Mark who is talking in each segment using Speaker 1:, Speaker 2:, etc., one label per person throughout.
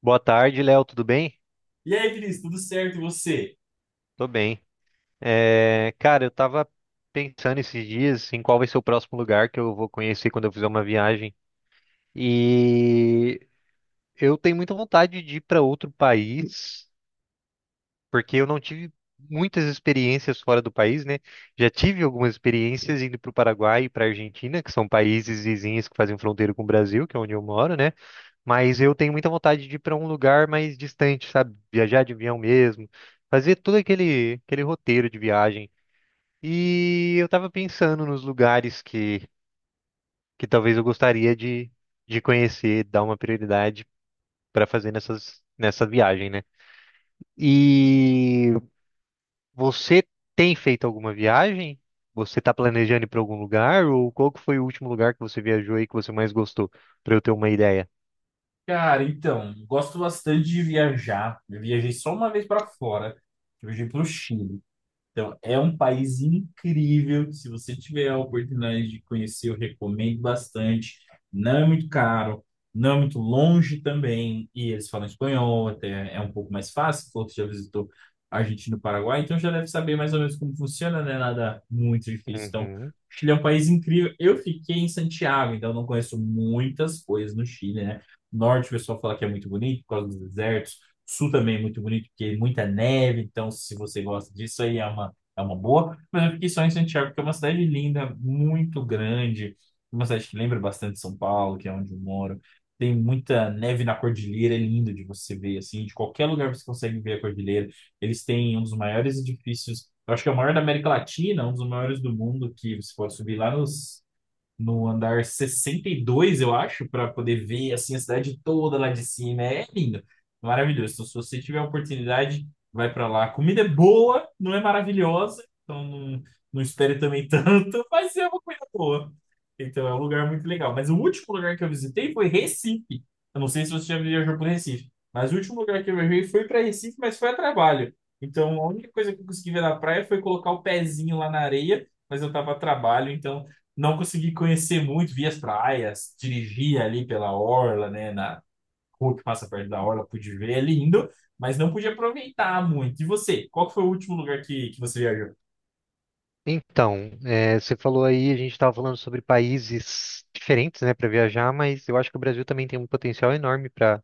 Speaker 1: Boa tarde, Léo, tudo bem?
Speaker 2: E aí, Vinícius, tudo certo? E você?
Speaker 1: Tô bem. Eu tava pensando esses dias em qual vai ser o próximo lugar que eu vou conhecer quando eu fizer uma viagem. E eu tenho muita vontade de ir para outro país, porque eu não tive muitas experiências fora do país, né? Já tive algumas experiências indo para o Paraguai e para a Argentina, que são países vizinhos que fazem fronteira com o Brasil, que é onde eu moro, né? Mas eu tenho muita vontade de ir para um lugar mais distante, sabe? Viajar de avião mesmo, fazer todo aquele roteiro de viagem. E eu tava pensando nos lugares que talvez eu gostaria de conhecer, dar uma prioridade para fazer nessa viagem, né? E você tem feito alguma viagem? Você tá planejando ir para algum lugar? Ou qual que foi o último lugar que você viajou e que você mais gostou? Para eu ter uma ideia.
Speaker 2: Cara, então, gosto bastante de viajar. Eu viajei só uma vez para fora. Eu viajei para o Chile. Então, é um país incrível. Se você tiver a oportunidade de conhecer, eu recomendo bastante. Não é muito caro, não é muito longe também. E eles falam espanhol, até é um pouco mais fácil. Falou que já visitou a Argentina e o Paraguai, então já deve saber mais ou menos como funciona, né? Nada muito difícil. Então, o
Speaker 1: Uhum.
Speaker 2: Chile é um país incrível. Eu fiquei em Santiago, então não conheço muitas coisas no Chile, né? Norte, o pessoal fala que é muito bonito por causa dos desertos. Sul também é muito bonito, porque muita neve, então se você gosta disso aí é uma boa, mas eu fiquei só em Santiago, que é uma cidade linda, muito grande, uma cidade que lembra bastante São Paulo, que é onde eu moro. Tem muita neve na cordilheira, é lindo de você ver, assim, de qualquer lugar você consegue ver a cordilheira. Eles têm um dos maiores edifícios, eu acho que é o maior da América Latina, um dos maiores do mundo, que você pode subir lá nos no andar 62 eu acho, para poder ver assim a cidade toda lá de cima. É lindo, maravilhoso. Então, se você tiver a oportunidade, vai para lá. A comida é boa, não é maravilhosa, então não, não espere também tanto, mas é uma coisa boa. Então é um lugar muito legal. Mas o último lugar que eu visitei foi Recife. Eu não sei se você já viajou por Recife, mas o último lugar que eu viajei foi para Recife, mas foi a trabalho. Então, a única coisa que eu consegui ver na praia foi colocar o pezinho lá na areia, mas eu tava a trabalho, então não consegui conhecer muito, vi as praias, dirigi ali pela orla, né, na rua que passa perto da orla, pude ver, é lindo, mas não pude aproveitar muito. E você, qual que foi o último lugar que você viajou?
Speaker 1: Então, você falou aí, a gente estava falando sobre países diferentes, né, para viajar, mas eu acho que o Brasil também tem um potencial enorme para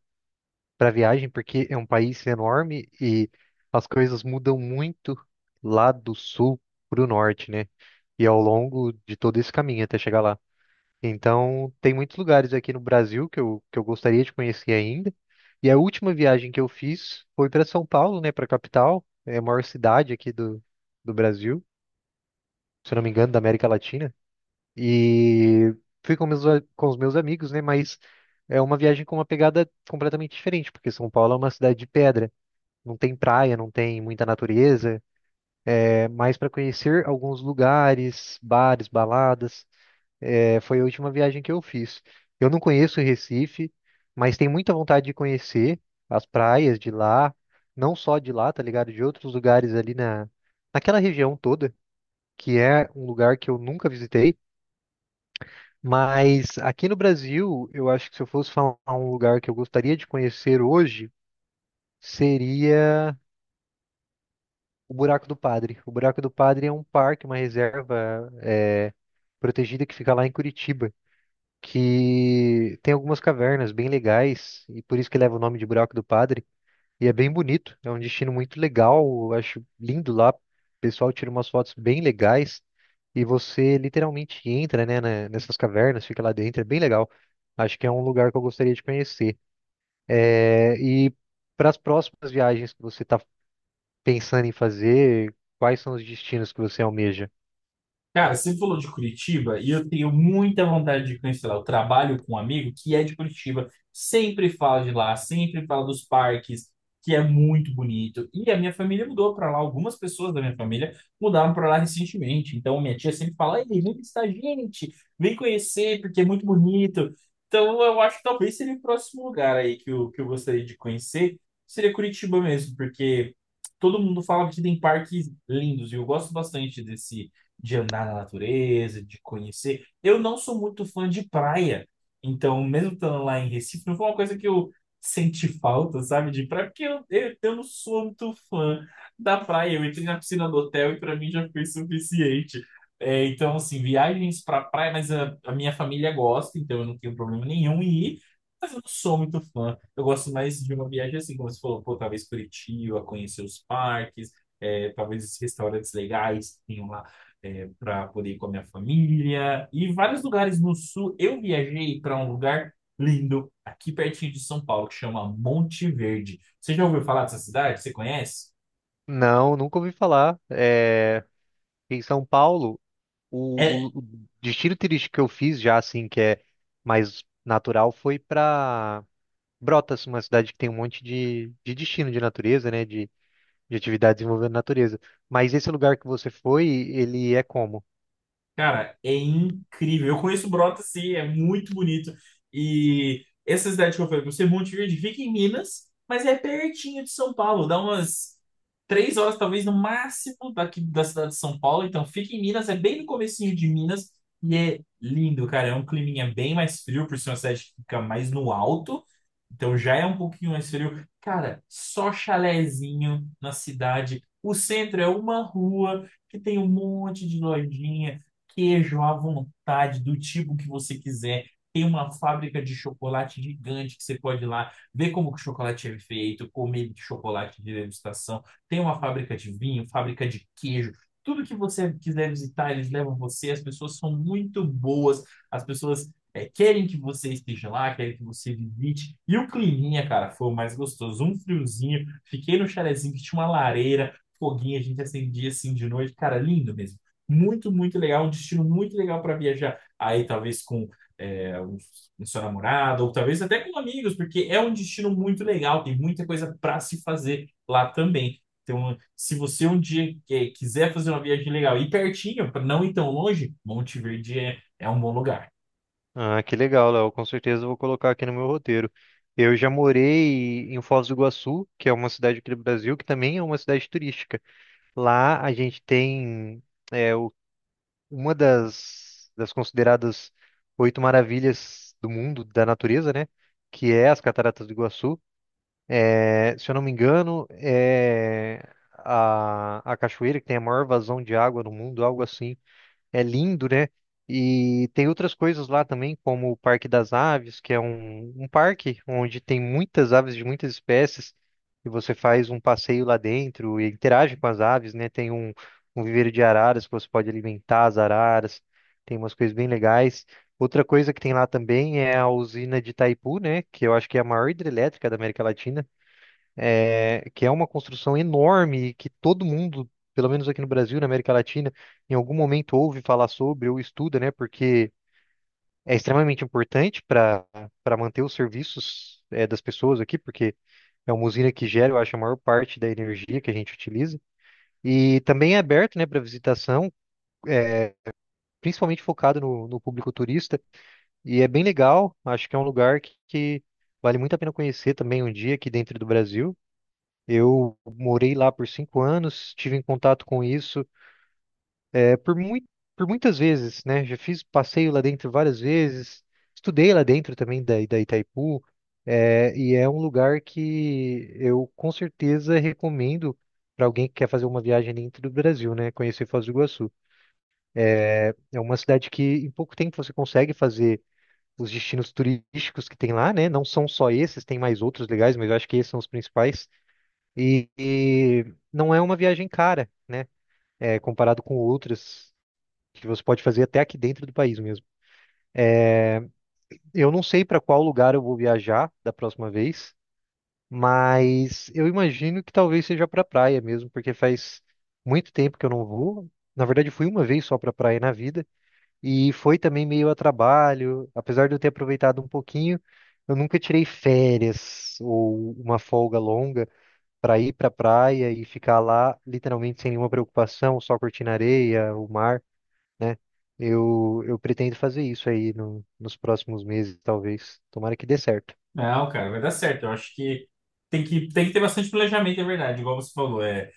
Speaker 1: para viagem, porque é um país enorme e as coisas mudam muito lá do sul para o norte, né? E ao longo de todo esse caminho até chegar lá. Então, tem muitos lugares aqui no Brasil que eu gostaria de conhecer ainda. E a última viagem que eu fiz foi para São Paulo, né, para a capital, é a maior cidade aqui do Brasil, se eu não me engano, da América Latina. E fui com os meus amigos, né? Mas é uma viagem com uma pegada completamente diferente, porque São Paulo é uma cidade de pedra. Não tem praia, não tem muita natureza. É mais para conhecer alguns lugares, bares, baladas. É, foi a última viagem que eu fiz. Eu não conheço Recife, mas tenho muita vontade de conhecer as praias de lá, não só de lá, tá ligado? De outros lugares ali naquela região toda, que é um lugar que eu nunca visitei. Mas aqui no Brasil, eu acho que se eu fosse falar um lugar que eu gostaria de conhecer hoje, seria o Buraco do Padre. O Buraco do Padre é um parque, uma reserva protegida que fica lá em Curitiba, que tem algumas cavernas bem legais, e por isso que leva o nome de Buraco do Padre. E é bem bonito, é um destino muito legal, eu acho lindo lá. O pessoal tira umas fotos bem legais e você literalmente entra, né, nessas cavernas, fica lá dentro, é bem legal. Acho que é um lugar que eu gostaria de conhecer. É, e para as próximas viagens que você está pensando em fazer, quais são os destinos que você almeja?
Speaker 2: Cara, você falou de Curitiba e eu tenho muita vontade de conhecer lá. Eu trabalho com um amigo que é de Curitiba, sempre fala de lá, sempre fala dos parques, que é muito bonito. E a minha família mudou para lá, algumas pessoas da minha família mudaram para lá recentemente. Então minha tia sempre fala: Ei, vem visitar a gente, vem conhecer, porque é muito bonito. Então eu acho que talvez seria o próximo lugar aí que eu gostaria de conhecer, seria Curitiba mesmo, porque todo mundo fala que tem parques lindos e eu gosto bastante desse de andar na natureza, de conhecer. Eu não sou muito fã de praia, então, mesmo estando lá em Recife, não foi uma coisa que eu senti falta, sabe, de praia, porque eu não sou muito fã da praia. Eu entrei na piscina do hotel e para mim já foi suficiente. É, então, assim, viagens para praia, mas a minha família gosta, então eu não tenho problema nenhum em ir. Mas eu não sou muito fã. Eu gosto mais de uma viagem assim, como você falou, pô, talvez Curitiba, conhecer os parques, é, talvez os restaurantes legais que tenham lá é, para poder ir com a minha família e vários lugares no sul. Eu viajei para um lugar lindo aqui pertinho de São Paulo que chama Monte Verde. Você já ouviu falar dessa cidade? Você conhece?
Speaker 1: Não, nunca ouvi falar. É, em São Paulo,
Speaker 2: É,
Speaker 1: o destino turístico que eu fiz já, assim, que é mais natural, foi para Brotas, uma cidade que tem um monte de destino de natureza, né? De atividades envolvendo natureza. Mas esse lugar que você foi, ele é como?
Speaker 2: Cara, é incrível. Eu conheço Brota, sim, é muito bonito. E essa cidade que eu falei pra você, Monte Verde, fica em Minas, mas é pertinho de São Paulo. Dá umas 3 horas, talvez, no máximo daqui da cidade de São Paulo. Então, fica em Minas, é bem no comecinho de Minas. E é lindo, cara. É um climinha bem mais frio, por ser uma cidade que fica mais no alto. Então, já é um pouquinho mais frio. Cara, só chalezinho na cidade. O centro é uma rua que tem um monte de lojinha queijo à vontade, do tipo que você quiser. Tem uma fábrica de chocolate gigante que você pode ir lá ver como que o chocolate é feito, comer chocolate de degustação. Tem uma fábrica de vinho, fábrica de queijo. Tudo que você quiser visitar, eles levam você. As pessoas são muito boas. As pessoas querem que você esteja lá, querem que você visite. E o climinha, cara, foi o mais gostoso. Um friozinho. Fiquei no chalezinho que tinha uma lareira, foguinho. A gente acendia assim de noite. Cara, lindo mesmo muito, muito legal, um destino muito legal para viajar. Aí, talvez com é, o o seu namorado, ou talvez até com amigos, porque é um destino muito legal, tem muita coisa para se fazer lá também. Então, se você um dia quiser fazer uma viagem legal e pertinho, para não ir tão longe, Monte Verde é um bom lugar.
Speaker 1: Ah, que legal, Léo. Com certeza eu vou colocar aqui no meu roteiro. Eu já morei em Foz do Iguaçu, que é uma cidade aqui do Brasil, que também é uma cidade turística. Lá a gente tem é, o- uma das consideradas oito maravilhas do mundo, da natureza, né? Que é as Cataratas do Iguaçu. É, se eu não me engano, é a cachoeira que tem a maior vazão de água no mundo, algo assim. É lindo, né? E tem outras coisas lá também, como o Parque das Aves, que é um parque onde tem muitas aves de muitas espécies, e você faz um passeio lá dentro e interage com as aves, né? Tem um viveiro de araras que você pode alimentar as araras, tem umas coisas bem legais. Outra coisa que tem lá também é a usina de Itaipu, né? Que eu acho que é a maior hidrelétrica da América Latina, que é uma construção enorme que todo mundo, pelo menos aqui no Brasil, na América Latina, em algum momento ouve falar sobre ou estuda, né? Porque é extremamente importante para manter os serviços das pessoas aqui, porque é uma usina que gera, eu acho, a maior parte da energia que a gente utiliza. E também é aberto, né, para visitação, é, principalmente focado no público turista. E é bem legal, acho que é um lugar que vale muito a pena conhecer também um dia aqui dentro do Brasil. Eu morei lá por 5 anos, tive em contato com isso é, por muito, por muitas vezes, né? Já fiz passeio lá dentro várias vezes, estudei lá dentro também da Itaipu, e é um lugar que eu com certeza recomendo para alguém que quer fazer uma viagem dentro do Brasil, né? Conhecer Foz do Iguaçu. É uma cidade que em pouco tempo você consegue fazer os destinos turísticos que tem lá, né? Não são só esses, tem mais outros legais, mas eu acho que esses são os principais. E não é uma viagem cara, né? Comparado com outras que você pode fazer até aqui dentro do país mesmo. Eu não sei para qual lugar eu vou viajar da próxima vez, mas eu imagino que talvez seja para praia mesmo, porque faz muito tempo que eu não vou. Na verdade, fui uma vez só para praia na vida e foi também meio a trabalho, apesar de eu ter aproveitado um pouquinho, eu nunca tirei férias ou uma folga longa. Para ir para praia e ficar lá literalmente sem nenhuma preocupação, só curtindo a areia, o mar, né? Eu pretendo fazer isso aí nos próximos meses, talvez. Tomara que dê certo.
Speaker 2: Não, cara, vai dar certo. Eu acho que tem que ter bastante planejamento, é verdade, igual você falou. É,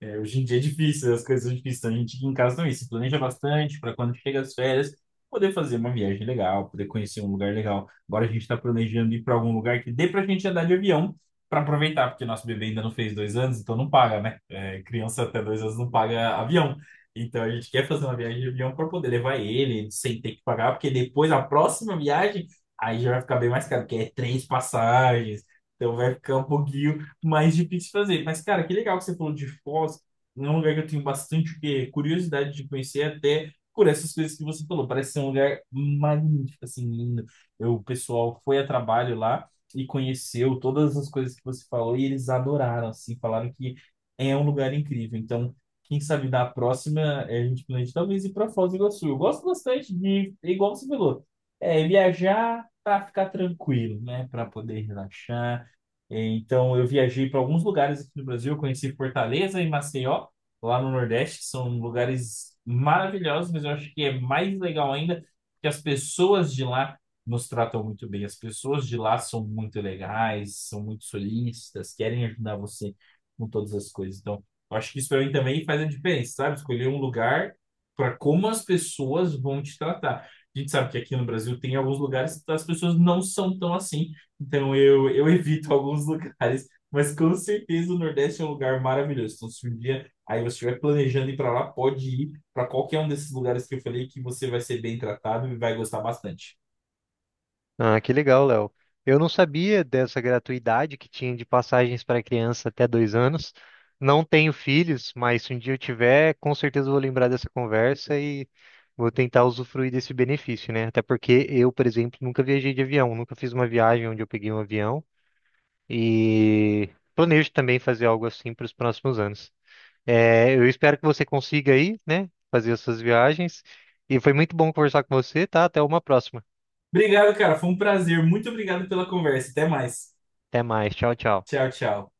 Speaker 2: É, Hoje em dia é difícil, as coisas são difíceis. Então a gente aqui em casa também se planeja bastante para quando chega as férias, poder fazer uma viagem legal, poder conhecer um lugar legal. Agora a gente está planejando ir para algum lugar que dê para a gente andar de avião para aproveitar, porque nosso bebê ainda não fez 2 anos, então não paga, né? É, criança até 2 anos não paga avião. Então a gente quer fazer uma viagem de avião para poder levar ele sem ter que pagar, porque depois a próxima viagem aí já vai ficar bem mais caro, porque é três passagens. Então vai ficar um pouquinho mais difícil fazer. Mas, cara, que legal que você falou de Foz. É um lugar que eu tenho bastante o quê? Curiosidade de conhecer, até por essas coisas que você falou. Parece ser um lugar magnífico, assim, lindo. Eu, o pessoal foi a trabalho lá e conheceu todas as coisas que você falou e eles adoraram, assim, falaram que é um lugar incrível. Então, quem sabe da próxima, a gente planeja talvez ir para Foz do Iguaçu. Eu gosto bastante de, igual você falou, viajar para ficar tranquilo, né? Para poder relaxar então, eu viajei para alguns lugares aqui no Brasil, eu conheci Fortaleza e Maceió, lá no Nordeste, que são lugares maravilhosos, mas eu acho que é mais legal ainda que as pessoas de lá nos tratam muito bem. As pessoas de lá são muito legais, são muito solícitas, querem ajudar você com todas as coisas. Então, eu acho que isso para mim também faz a diferença, sabe? Escolher um lugar para como as pessoas vão te tratar. A gente sabe que aqui no Brasil tem alguns lugares que as pessoas não são tão assim. Então eu evito alguns lugares, mas com certeza o Nordeste é um lugar maravilhoso. Então, se um dia aí você estiver planejando ir para lá, pode ir para qualquer um desses lugares que eu falei que você vai ser bem tratado e vai gostar bastante.
Speaker 1: Ah, que legal, Léo. Eu não sabia dessa gratuidade que tinha de passagens para criança até 2 anos. Não tenho filhos, mas se um dia eu tiver, com certeza vou lembrar dessa conversa e vou tentar usufruir desse benefício, né? Até porque eu, por exemplo, nunca viajei de avião, nunca fiz uma viagem onde eu peguei um avião e planejo também fazer algo assim para os próximos anos. É, eu espero que você consiga aí, né? Fazer as suas viagens. E foi muito bom conversar com você, tá? Até uma próxima.
Speaker 2: Obrigado, cara. Foi um prazer. Muito obrigado pela conversa. Até mais.
Speaker 1: Até mais. Tchau, tchau.
Speaker 2: Tchau, tchau.